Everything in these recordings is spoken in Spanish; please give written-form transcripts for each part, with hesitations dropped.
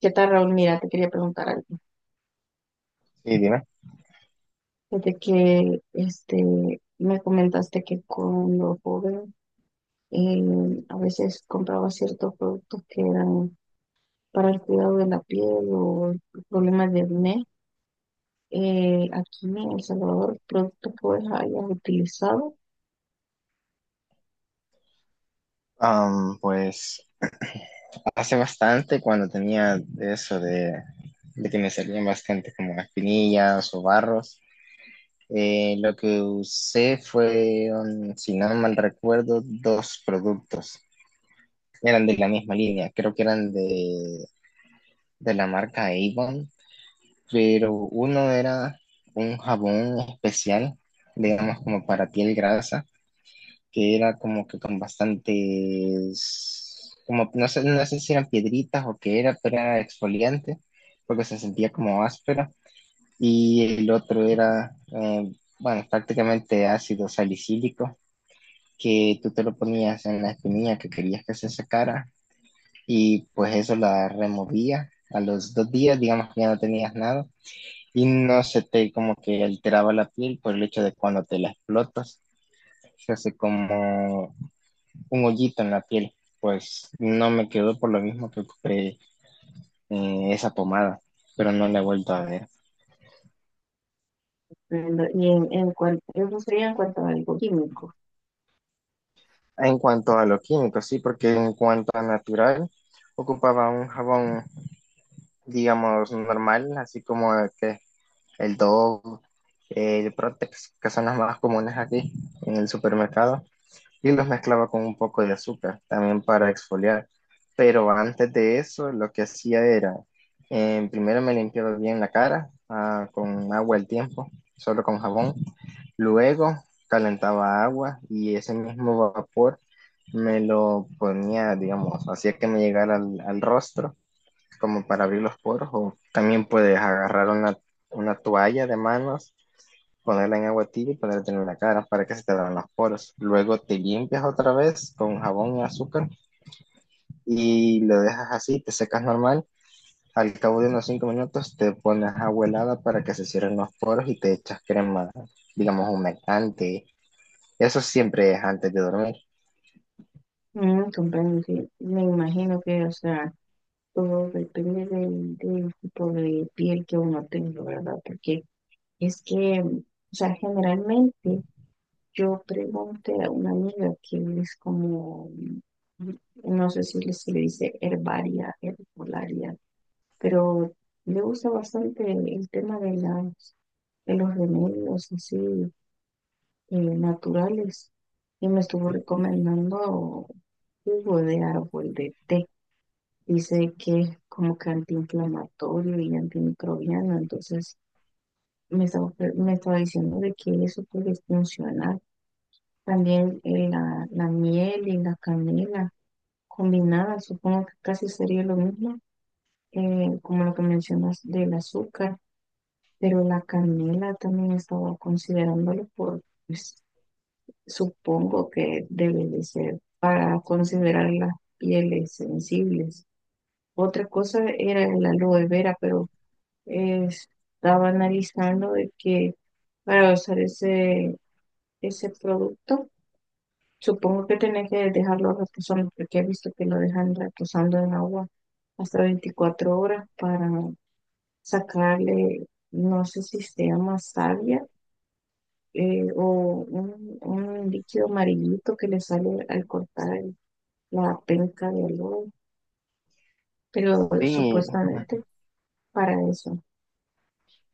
¿Qué tal, Raúl? Mira, te quería preguntar algo. Sí, dime. Desde que me comentaste que cuando joven, a veces compraba ciertos productos que eran para el cuidado de la piel o problemas de acné, aquí en El Salvador. ¿Productos que vos hayas utilizado? Pues hace bastante cuando tenía de de que me salían bastante como espinillas o barros. Lo que usé fueron, si no mal recuerdo, 2 productos. Eran de la misma línea, creo que eran de la marca Avon, pero uno era un jabón especial, digamos como para piel grasa que era como que con bastantes, como no sé, no sé si eran piedritas o qué era, pero era exfoliante, porque se sentía como áspera. Y el otro era, bueno, prácticamente ácido salicílico, que tú te lo ponías en la espinilla que querías que se sacara, y pues eso la removía. A los 2 días, digamos que ya no tenías nada, y no se te como que alteraba la piel por el hecho de cuando te la explotas se hace como un hoyito en la piel. Pues no me quedó por lo mismo que compré esa pomada, pero no la he vuelto a ver. Y en cuanto, eso sería en cuanto a algo químico. En cuanto a lo químico, sí, porque en cuanto a natural, ocupaba un jabón, digamos, normal, así como el que el Dove, el Protex, que son las más comunes aquí en el supermercado. Y los mezclaba con un poco de azúcar también para exfoliar. Pero antes de eso, lo que hacía era, primero me limpiaba bien la cara con agua al tiempo, solo con jabón. Luego calentaba agua y ese mismo vapor me lo ponía, digamos, hacía que me llegara al rostro, como para abrir los poros, o también puedes agarrar una toalla de manos, ponerla en agua tibia y ponerte en la cara para que se te abran los poros. Luego te limpias otra vez con jabón y azúcar y lo dejas así, te secas normal. Al cabo de unos 5 minutos te pones agua helada para que se cierren los poros y te echas crema, digamos, humectante. Eso siempre es antes de dormir. Mm, comprendo, sí. Me imagino que, o sea, todo depende del tipo de piel que uno tenga, ¿verdad? Porque es que, o sea, generalmente yo pregunté a una amiga que es como, mm, no sé si le- se le dice herbaria, herbolaria, pero le gusta bastante el tema de los remedios así naturales, y me estuvo recomendando jugo de árbol de té. Dice que es como que antiinflamatorio y antimicrobiano, entonces me estaba diciendo de que eso puede funcionar. También, la miel y la canela combinadas, supongo que casi sería lo mismo, como lo que mencionas del azúcar, pero la canela también estaba considerándolo por, pues, supongo que debe de ser para considerar las pieles sensibles. Otra cosa era el aloe vera, pero estaba analizando de que para usar ese producto, supongo que tenés que dejarlo reposando, porque he visto que lo dejan reposando en agua hasta 24 horas para sacarle, no sé si se llama savia, o un líquido amarillito que le sale al cortar la penca del lobo, pero Sí, supuestamente para eso.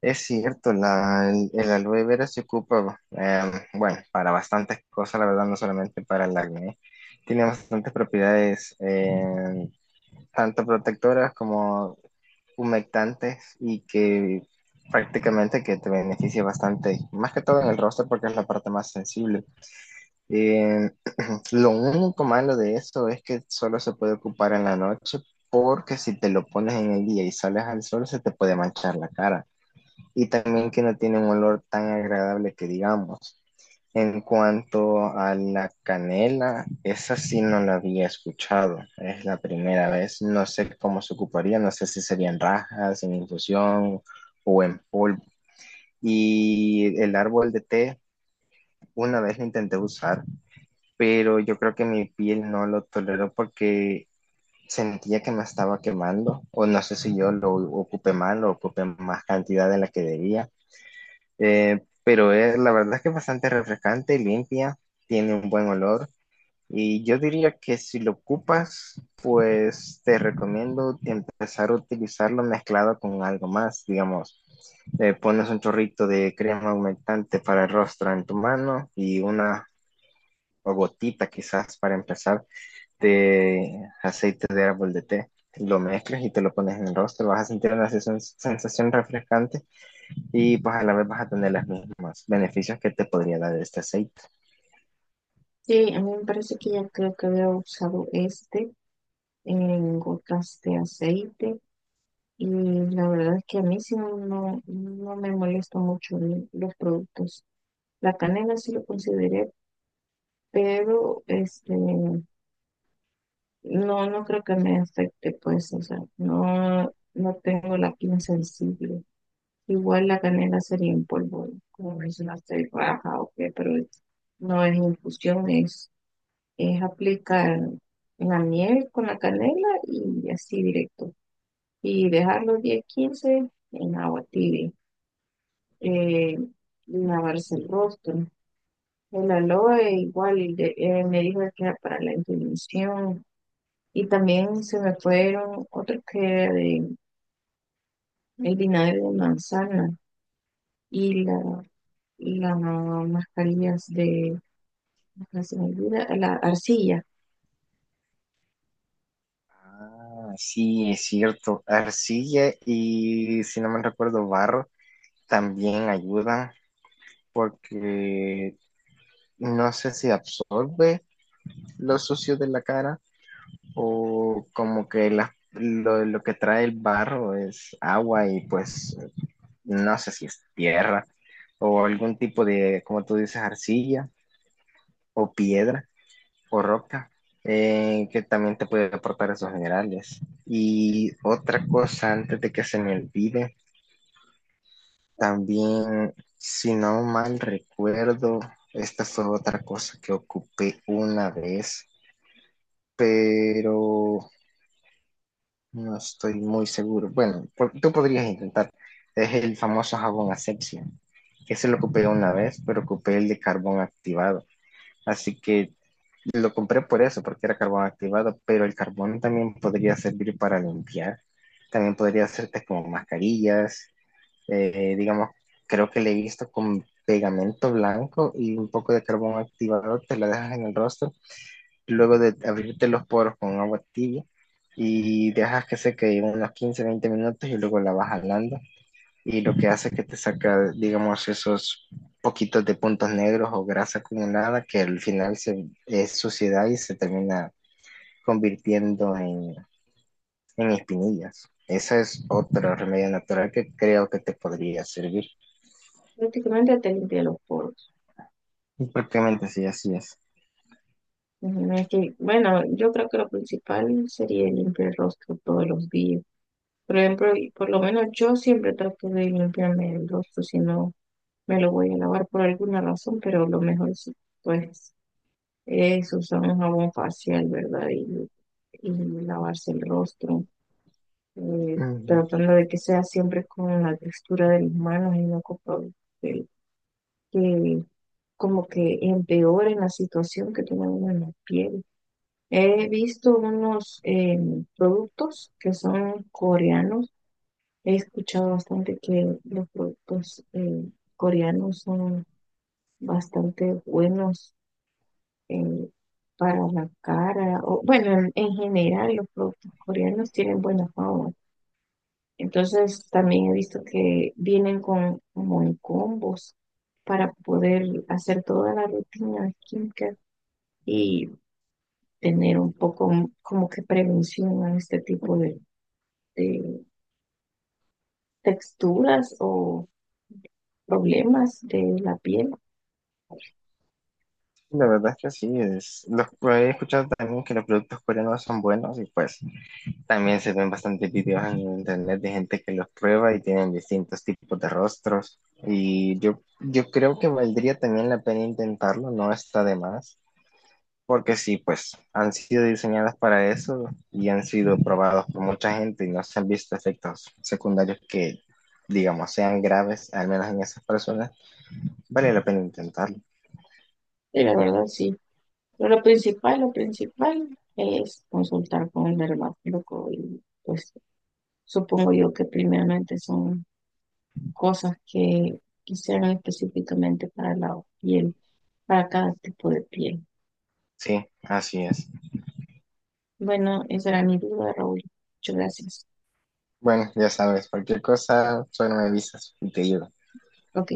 es cierto, el aloe vera se ocupa, bueno, para bastantes cosas, la verdad, no solamente para el acné. Tiene bastantes propiedades, tanto protectoras como humectantes y que prácticamente que te beneficia bastante, más que todo en el rostro porque es la parte más sensible. Eh, lo único malo de eso es que solo se puede ocupar en la noche, porque si te lo pones en el día y sales al sol se te puede manchar la cara, y también que no tiene un olor tan agradable, que digamos. En cuanto a la canela, esa sí no la había escuchado, es la primera vez, no sé cómo se ocuparía, no sé si serían rajas, en infusión o en polvo. Y el árbol de té, una vez lo intenté usar, pero yo creo que mi piel no lo toleró porque sentía que me estaba quemando, o no sé si yo lo ocupé mal o ocupé más cantidad de la que debía. Pero es, la verdad es que es bastante refrescante, limpia, tiene un buen olor. Y yo diría que si lo ocupas, pues te recomiendo empezar a utilizarlo mezclado con algo más, digamos. Pones un chorrito de crema aumentante para el rostro en tu mano y una o gotita quizás para empezar de aceite de árbol de té. Lo mezclas y te lo pones en el rostro, vas a sentir una sensación refrescante y pues a la vez vas a tener los mismos beneficios que te podría dar este aceite. Sí, a mí me parece que ya creo que había usado este en gotas de aceite. Y la verdad es que a mí sí no, no me molesta mucho los productos. La canela sí lo consideré, pero este no, no creo que me afecte, pues, o sea, no, no tengo la piel sensible. Igual la canela sería en polvo, como mencionaste, baja o qué, pero no es infusión, es aplicar la miel con la canela y así directo. Y dejarlo 10 15 en agua tibia. eh, Lavarse el rostro. El aloe igual me dijo que era para la inflamación. Y también se me fueron otros que era de el vinagre de manzana y las mascarillas de, ah, se me olvida, la arcilla. Ah, sí, es cierto. Arcilla y, si no me recuerdo, barro también ayudan porque no sé si absorbe lo sucio de la cara, o como que lo que trae el barro es agua, y pues no sé si es tierra o algún tipo de, como tú dices, arcilla o piedra. Correcta, que también te puede aportar esos minerales. Y otra cosa, antes de que se me olvide, también, si no mal recuerdo, esta fue otra cosa que ocupé una vez, pero no estoy muy seguro. Bueno, tú podrías intentar. Es el famoso jabón asepsia, que se lo ocupé una vez, pero ocupé el de carbón activado. Así que lo compré por eso, porque era carbón activado, pero el carbón también podría servir para limpiar. También podría hacerte como mascarillas, digamos, creo que le he visto con pegamento blanco y un poco de carbón activado, te la dejas en el rostro, luego de abrirte los poros con agua tibia, y dejas que seque unos 15 20 minutos y luego la vas jalando, y lo que hace es que te saca, digamos, esos poquitos de puntos negros o grasa acumulada que al final se, es suciedad y se termina convirtiendo en espinillas. Esa es otra remedio natural que creo que te podría servir. Prácticamente te limpia los poros. Y prácticamente sí, así es. Ujú, es que, bueno, yo creo que lo principal sería limpiar el rostro todos los días. Por ejemplo, y por lo menos yo siempre trato de limpiarme el rostro, si no me lo voy a lavar por alguna razón, pero lo mejor es, pues, es usar un jabón facial, ¿verdad? Y lavarse el rostro, Mm, tratando de que sea siempre con la textura de mis manos y no que, que como que empeore la situación que tiene uno en la piel. He visto unos productos que son coreanos. He escuchado bastante que los productos, coreanos son bastante buenos, eh, para la cara, o bueno, en general los productos coreanos tienen buena fama. Entonces también he visto que vienen con como en combos para poder hacer toda la rutina de skincare, y tener un poco, como que prevención a este tipo de texturas o problemas de la piel. la verdad es que sí, he escuchado también que los productos coreanos son buenos y pues también se ven bastantes videos en internet de gente que los prueba y tienen distintos tipos de rostros. Y yo creo que valdría también la pena intentarlo, no está de más, porque sí, pues han sido diseñadas para eso y han sido probados por mucha gente y no se han visto efectos secundarios que, digamos, sean graves, al menos en esas personas. Vale la pena intentarlo. Y la verdad, sí. Pero lo principal es consultar con el dermatólogo y, pues, supongo yo que primeramente son cosas que quisieran específicamente para la piel, para cada tipo de piel. Sí, así es. Bueno, esa era mi duda, Raúl. Muchas gracias. Bueno, ya sabes, cualquier cosa, solo me avisas y te ayudo. Ok.